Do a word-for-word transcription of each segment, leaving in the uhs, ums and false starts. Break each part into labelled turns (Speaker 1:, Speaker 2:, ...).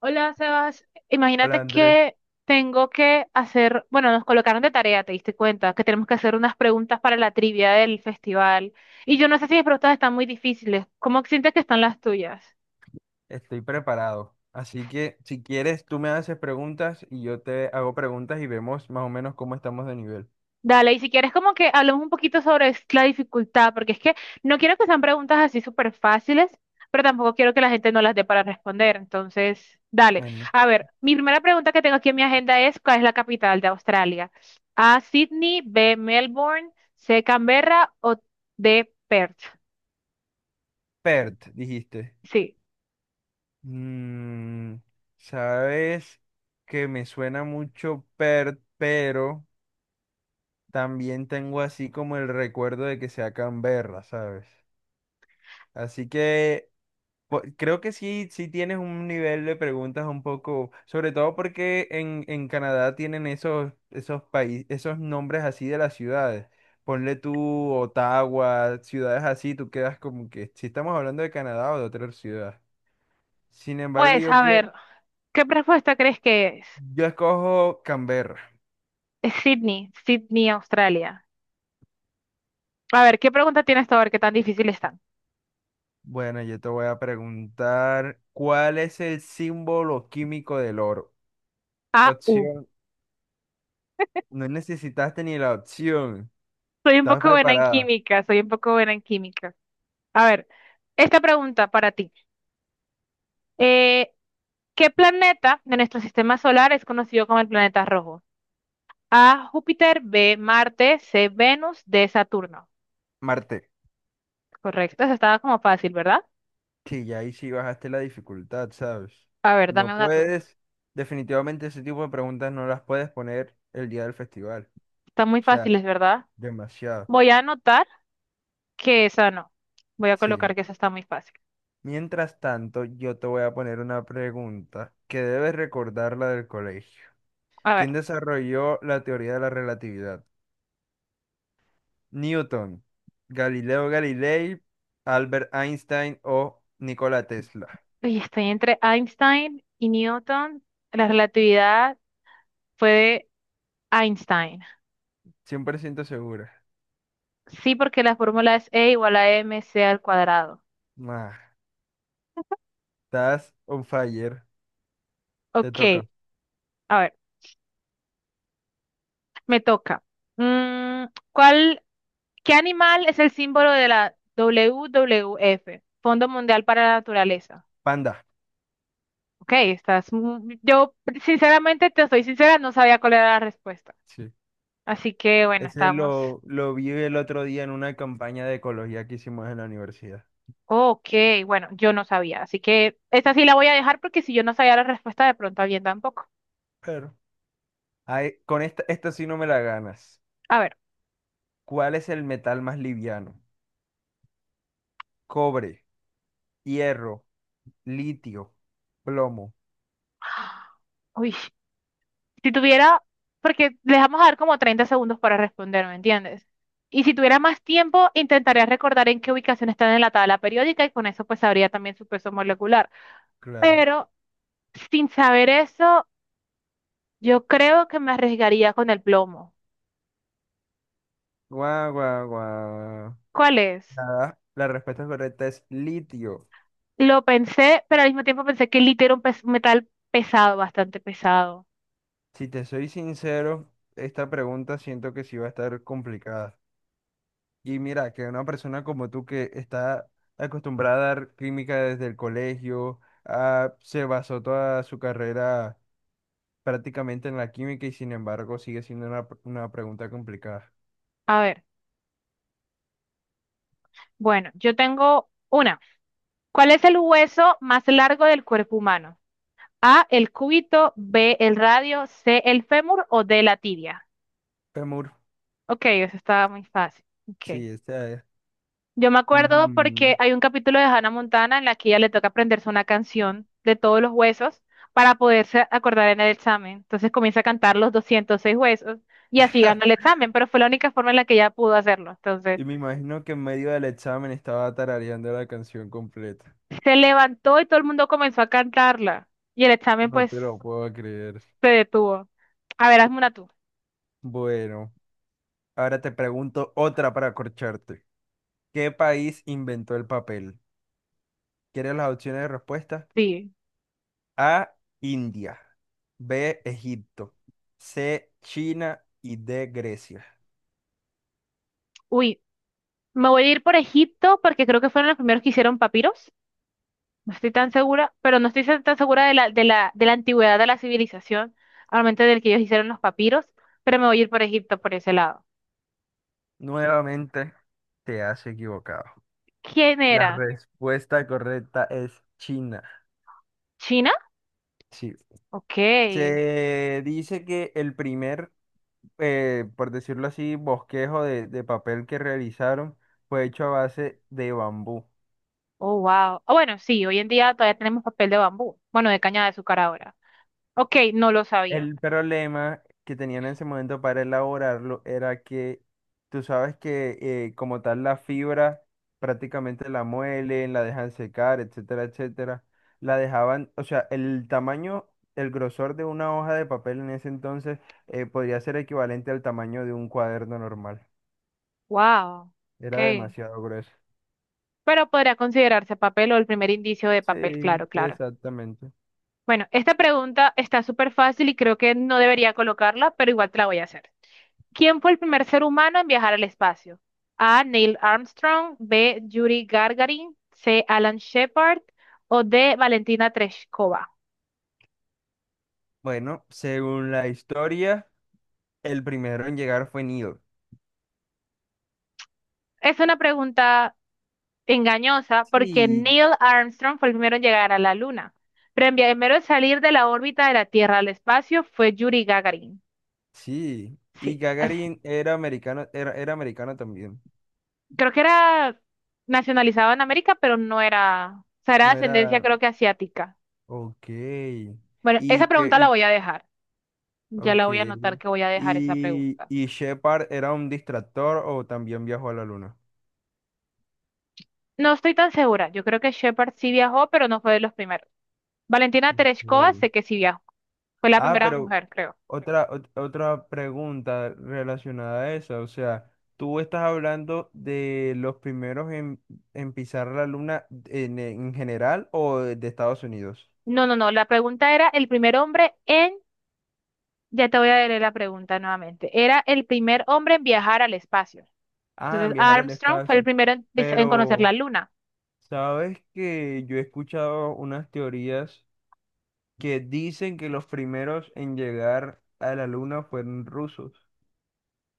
Speaker 1: Hola, Sebas.
Speaker 2: Hola
Speaker 1: Imagínate
Speaker 2: Andrés,
Speaker 1: que tengo que hacer, bueno, nos colocaron de tarea, te diste cuenta, que tenemos que hacer unas preguntas para la trivia del festival. Y yo no sé si mis preguntas están muy difíciles. ¿Cómo sientes que están las tuyas?
Speaker 2: estoy preparado. Así que si quieres, tú me haces preguntas y yo te hago preguntas y vemos más o menos cómo estamos de nivel.
Speaker 1: Dale, y si quieres como que hablemos un poquito sobre es- la dificultad, porque es que no quiero que sean preguntas así súper fáciles, pero tampoco quiero que la gente no las dé para responder. Entonces, dale.
Speaker 2: Bueno,
Speaker 1: A ver, mi primera pregunta que tengo aquí en mi agenda es, ¿cuál es la capital de Australia? A, Sydney, B, Melbourne, C, Canberra o D, Perth.
Speaker 2: Pert, dijiste.
Speaker 1: Sí.
Speaker 2: Mm, sabes que me suena mucho Pert, pero también tengo así como el recuerdo de que sea Canberra, ¿sabes? Así que Po- creo que sí, sí tienes un nivel de preguntas un poco, sobre todo porque en, en Canadá tienen esos, esos países, esos nombres así de las ciudades. Ponle tú Ottawa, ciudades así, tú quedas como que si estamos hablando de Canadá o de otra ciudad. Sin embargo,
Speaker 1: Pues,
Speaker 2: yo
Speaker 1: a
Speaker 2: creo,
Speaker 1: ver, ¿qué respuesta crees que es?
Speaker 2: yo escojo Canberra.
Speaker 1: Es Sydney, Sydney, Australia. A ver, ¿qué pregunta tienes tú? A ver, qué tan difícil están.
Speaker 2: Bueno, yo te voy a preguntar, ¿cuál es el símbolo químico del oro?
Speaker 1: A,
Speaker 2: Opción, no necesitaste ni la opción.
Speaker 1: soy un
Speaker 2: ¿Estás
Speaker 1: poco buena en
Speaker 2: preparada?
Speaker 1: química, soy un poco buena en química. A ver, esta pregunta para ti. Eh, ¿qué planeta de nuestro sistema solar es conocido como el planeta rojo? A, Júpiter, B, Marte, C, Venus, D, Saturno.
Speaker 2: Marte.
Speaker 1: Correcto, eso estaba como fácil, ¿verdad?
Speaker 2: Sí, ya ahí sí bajaste la dificultad, ¿sabes?
Speaker 1: A ver,
Speaker 2: No
Speaker 1: dame una tú.
Speaker 2: puedes, definitivamente ese tipo de preguntas no las puedes poner el día del festival.
Speaker 1: Está muy
Speaker 2: O sea,
Speaker 1: fácil, es verdad.
Speaker 2: demasiado.
Speaker 1: Voy a anotar que esa no. Voy a
Speaker 2: Sí.
Speaker 1: colocar que esa está muy fácil.
Speaker 2: Mientras tanto, yo te voy a poner una pregunta que debes recordarla del colegio.
Speaker 1: A
Speaker 2: ¿Quién
Speaker 1: ver,
Speaker 2: desarrolló la teoría de la relatividad? Newton, Galileo Galilei, Albert Einstein o Nikola Tesla.
Speaker 1: uy, estoy entre Einstein y Newton. La relatividad fue de Einstein.
Speaker 2: Cien por ciento segura.
Speaker 1: Sí, porque la fórmula es E igual a m MC al cuadrado.
Speaker 2: Ma, estás on fire. Te
Speaker 1: Ok,
Speaker 2: toca.
Speaker 1: a ver, me toca. Mm, ¿cuál, qué animal es el símbolo de la W W F? Fondo Mundial para la Naturaleza.
Speaker 2: Panda.
Speaker 1: Ok, estás. mu- Yo, sinceramente, te soy sincera, no sabía cuál era la respuesta.
Speaker 2: Sí.
Speaker 1: Así que, bueno,
Speaker 2: Ese
Speaker 1: estamos.
Speaker 2: lo, lo vi el otro día en una campaña de ecología que hicimos en la universidad.
Speaker 1: Ok, bueno, yo no sabía. Así que esta sí la voy a dejar porque si yo no sabía la respuesta, de pronto alguien tampoco.
Speaker 2: Pero, ay, con esta, esta sí no me la ganas.
Speaker 1: A ver.
Speaker 2: ¿Cuál es el metal más liviano? Cobre, hierro, litio, plomo.
Speaker 1: Uy. Si tuviera, porque les vamos a dar como treinta segundos para responder, ¿me entiendes? Y si tuviera más tiempo, intentaría recordar en qué ubicación están en la tabla periódica y con eso pues sabría también su peso molecular.
Speaker 2: Claro.
Speaker 1: Pero sin saber eso, yo creo que me arriesgaría con el plomo.
Speaker 2: Guau, guau, guau.
Speaker 1: ¿Cuál es?
Speaker 2: Nada, la respuesta correcta es litio.
Speaker 1: Lo pensé, pero al mismo tiempo pensé que el litio era un pes- metal pesado, bastante pesado.
Speaker 2: Si te soy sincero, esta pregunta siento que sí va a estar complicada. Y mira, que una persona como tú que está acostumbrada a dar química desde el colegio, ah, se basó toda su carrera prácticamente en la química y sin embargo sigue siendo una, una pregunta complicada.
Speaker 1: A ver, bueno, yo tengo una. ¿Cuál es el hueso más largo del cuerpo humano? A, el cúbito, B, el radio, C, el fémur o D, la tibia.
Speaker 2: Femur,
Speaker 1: Ok, eso estaba muy fácil. Ok.
Speaker 2: sí, esta es.
Speaker 1: Yo me acuerdo
Speaker 2: Mm.
Speaker 1: porque hay un capítulo de Hannah Montana en la que ella le toca aprenderse una canción de todos los huesos para poderse acordar en el examen. Entonces comienza a cantar los doscientos seis huesos y así
Speaker 2: Ja.
Speaker 1: ganó el examen, pero fue la única forma en la que ella pudo hacerlo. Entonces
Speaker 2: Y me imagino que en medio del examen estaba tarareando la canción completa.
Speaker 1: se levantó y todo el mundo comenzó a cantarla y el examen
Speaker 2: No
Speaker 1: pues
Speaker 2: te lo puedo creer.
Speaker 1: se detuvo. A ver, hazme una tú.
Speaker 2: Bueno, ahora te pregunto otra para acorcharte. ¿Qué país inventó el papel? ¿Quieres las opciones de respuesta?
Speaker 1: Sí.
Speaker 2: A, India. B, Egipto. C, China y D, Grecia.
Speaker 1: Uy, me voy a ir por Egipto porque creo que fueron los primeros que hicieron papiros. No estoy tan segura, pero no estoy tan segura de la, de la, de la antigüedad de la civilización, al momento del que ellos hicieron los papiros, pero me voy a ir por Egipto por ese lado.
Speaker 2: Nuevamente te has equivocado.
Speaker 1: ¿Quién
Speaker 2: La
Speaker 1: era?
Speaker 2: respuesta correcta es China.
Speaker 1: ¿China?
Speaker 2: Sí.
Speaker 1: Ok.
Speaker 2: Se dice que el primer, eh, por decirlo así, bosquejo de, de papel que realizaron fue hecho a base de bambú.
Speaker 1: Oh, wow. Ah, bueno, sí, hoy en día todavía tenemos papel de bambú. Bueno, de caña de azúcar ahora. Ok, no lo sabía.
Speaker 2: El problema que tenían en ese momento para elaborarlo era que tú sabes que eh, como tal la fibra prácticamente la muelen, la dejan secar, etcétera, etcétera. La dejaban, o sea, el tamaño, el grosor de una hoja de papel en ese entonces eh, podría ser equivalente al tamaño de un cuaderno normal.
Speaker 1: Wow.
Speaker 2: Era
Speaker 1: Ok.
Speaker 2: demasiado grueso.
Speaker 1: Pero podría considerarse papel o el primer indicio de papel, claro,
Speaker 2: Sí,
Speaker 1: claro.
Speaker 2: exactamente.
Speaker 1: Bueno, esta pregunta está súper fácil y creo que no debería colocarla, pero igual te la voy a hacer. ¿Quién fue el primer ser humano en viajar al espacio? A, Neil Armstrong, B, Yuri Gagarin, C, Alan Shepard o D, Valentina Tereshkova.
Speaker 2: Bueno, según la historia, el primero en llegar fue Nido.
Speaker 1: Es una pregunta engañosa porque
Speaker 2: Sí,
Speaker 1: Neil Armstrong fue el primero en llegar a la Luna, pero el primero en salir de la órbita de la Tierra al espacio fue Yuri Gagarin.
Speaker 2: Sí, y
Speaker 1: Sí,
Speaker 2: Gagarin era americano, era, era americano también.
Speaker 1: creo que era nacionalizado en América, pero no era, o sea, era de
Speaker 2: No
Speaker 1: ascendencia
Speaker 2: era.
Speaker 1: creo que asiática.
Speaker 2: Ok.
Speaker 1: Bueno, esa
Speaker 2: Y que.
Speaker 1: pregunta la
Speaker 2: Y,
Speaker 1: voy a dejar. Ya
Speaker 2: ok.
Speaker 1: la voy a anotar que voy a dejar esa
Speaker 2: Y,
Speaker 1: pregunta.
Speaker 2: y Shepard era un distractor o también viajó a la luna.
Speaker 1: No estoy tan segura. Yo creo que Shepard sí viajó, pero no fue de los primeros. Valentina Tereshkova
Speaker 2: Ok.
Speaker 1: sé que sí viajó. Fue la
Speaker 2: Ah,
Speaker 1: primera
Speaker 2: pero
Speaker 1: mujer, creo.
Speaker 2: otra, ot- otra pregunta relacionada a esa. O sea, tú estás hablando de los primeros en, en pisar la luna en, en general o de de Estados Unidos.
Speaker 1: No, no, no. La pregunta era el primer hombre en... Ya te voy a leer la pregunta nuevamente. Era el primer hombre en viajar al espacio.
Speaker 2: Ah, en
Speaker 1: Entonces,
Speaker 2: viajar al
Speaker 1: Armstrong fue el
Speaker 2: espacio.
Speaker 1: primero en, vis- en conocer la
Speaker 2: Pero.
Speaker 1: luna.
Speaker 2: Sabes que yo he escuchado unas teorías que dicen que los primeros en llegar a la luna fueron rusos,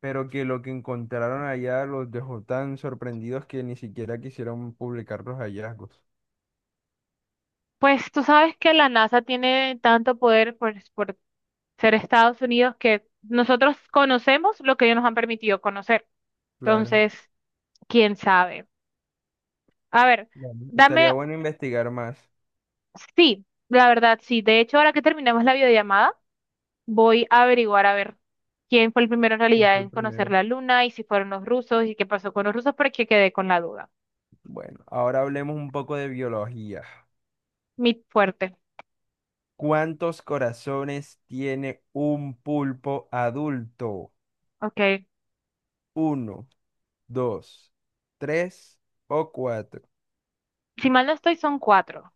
Speaker 2: pero que lo que encontraron allá los dejó tan sorprendidos que ni siquiera quisieron publicar los hallazgos.
Speaker 1: Pues tú sabes que la NASA tiene tanto poder por, por ser Estados Unidos que nosotros conocemos lo que ellos nos han permitido conocer.
Speaker 2: Claro,
Speaker 1: Entonces, quién sabe. A ver,
Speaker 2: claro. Estaría
Speaker 1: dame,
Speaker 2: bueno investigar más
Speaker 1: sí, la verdad, sí. De hecho, ahora que terminemos la videollamada, voy a averiguar a ver quién fue el primero en
Speaker 2: quién
Speaker 1: realidad
Speaker 2: fue el
Speaker 1: en conocer
Speaker 2: primero.
Speaker 1: la Luna y si fueron los rusos y qué pasó con los rusos, porque quedé con la duda.
Speaker 2: Bueno, ahora hablemos un poco de biología.
Speaker 1: Mi fuerte.
Speaker 2: ¿Cuántos corazones tiene un pulpo adulto?
Speaker 1: Ok.
Speaker 2: ¿Uno, dos, tres o cuatro?
Speaker 1: Si mal no estoy, son cuatro.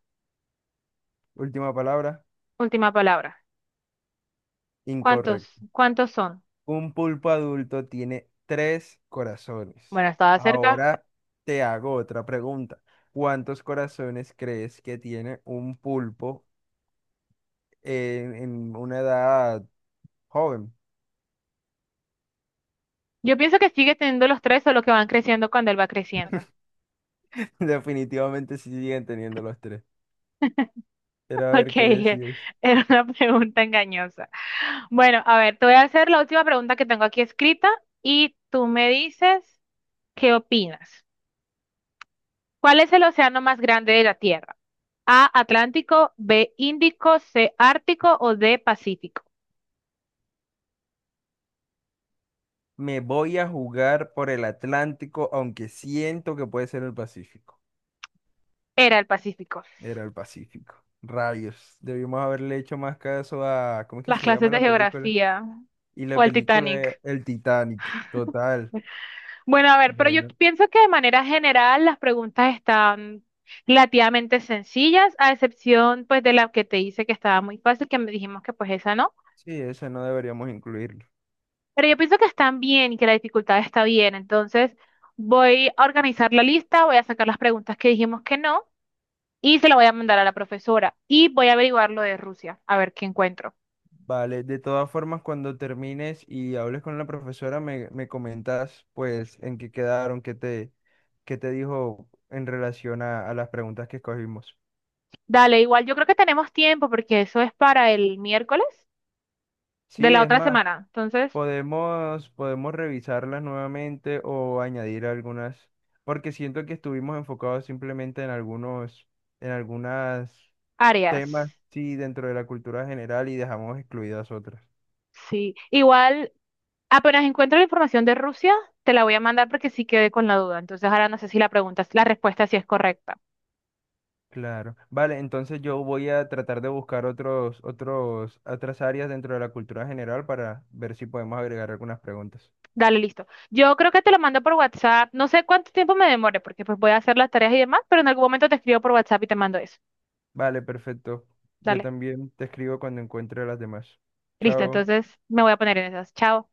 Speaker 2: Última palabra,
Speaker 1: Última palabra. ¿Cuántos?
Speaker 2: incorrecto.
Speaker 1: ¿Cuántos son?
Speaker 2: Un pulpo adulto tiene tres corazones.
Speaker 1: Bueno, estaba cerca.
Speaker 2: Ahora te hago otra pregunta. ¿Cuántos corazones crees que tiene un pulpo en, en una edad joven?
Speaker 1: Yo pienso que sigue teniendo los tres, solo que van creciendo cuando él va creciendo.
Speaker 2: Definitivamente sí siguen teniendo los tres. Pero a ver
Speaker 1: Ok,
Speaker 2: qué
Speaker 1: eh,
Speaker 2: decides.
Speaker 1: era una pregunta engañosa. Bueno, a ver, te voy a hacer la última pregunta que tengo aquí escrita y tú me dices qué opinas. ¿Cuál es el océano más grande de la Tierra? A, Atlántico, B, Índico, C, Ártico o D, Pacífico.
Speaker 2: Me voy a jugar por el Atlántico, aunque siento que puede ser el Pacífico.
Speaker 1: Era el Pacífico.
Speaker 2: Era el Pacífico. Rayos. Debimos haberle hecho más caso a... ¿Cómo es que
Speaker 1: Las
Speaker 2: se
Speaker 1: clases
Speaker 2: llama
Speaker 1: de
Speaker 2: la película?
Speaker 1: geografía
Speaker 2: Y la
Speaker 1: o el
Speaker 2: película es
Speaker 1: Titanic.
Speaker 2: El Titanic, total.
Speaker 1: Bueno, a ver, pero yo
Speaker 2: Bueno,
Speaker 1: pienso que de manera general las preguntas están relativamente sencillas, a excepción pues de la que te hice que estaba muy fácil, que me dijimos que pues esa no.
Speaker 2: sí, esa no deberíamos incluirlo.
Speaker 1: Pero yo pienso que están bien y que la dificultad está bien. Entonces voy a organizar la lista, voy a sacar las preguntas que dijimos que no y se las voy a mandar a la profesora y voy a averiguar lo de Rusia, a ver qué encuentro.
Speaker 2: Vale, de todas formas, cuando termines y hables con la profesora, me, me comentas pues en qué quedaron, qué te, qué te dijo en relación a, a las preguntas que escogimos.
Speaker 1: Dale, igual yo creo que tenemos tiempo porque eso es para el miércoles de
Speaker 2: Sí,
Speaker 1: la
Speaker 2: es
Speaker 1: otra
Speaker 2: más,
Speaker 1: semana. Entonces,
Speaker 2: podemos, podemos revisarlas nuevamente o añadir algunas, porque siento que estuvimos enfocados simplemente en algunos, en algunas temas,
Speaker 1: Arias.
Speaker 2: sí, dentro de la cultura general y dejamos excluidas otras.
Speaker 1: Sí, igual apenas encuentro la información de Rusia, te la voy a mandar porque sí quedé con la duda. Entonces ahora no sé si la pregunta, la respuesta sí es correcta.
Speaker 2: Claro. Vale, entonces yo voy a tratar de buscar otros, otros, otras áreas dentro de la cultura general para ver si podemos agregar algunas preguntas.
Speaker 1: Dale, listo. Yo creo que te lo mando por WhatsApp. No sé cuánto tiempo me demore porque pues voy a hacer las tareas y demás, pero en algún momento te escribo por WhatsApp y te mando eso.
Speaker 2: Vale, perfecto. Yo
Speaker 1: Dale.
Speaker 2: también te escribo cuando encuentre las demás.
Speaker 1: Listo,
Speaker 2: Chao.
Speaker 1: entonces me voy a poner en esas. Chao.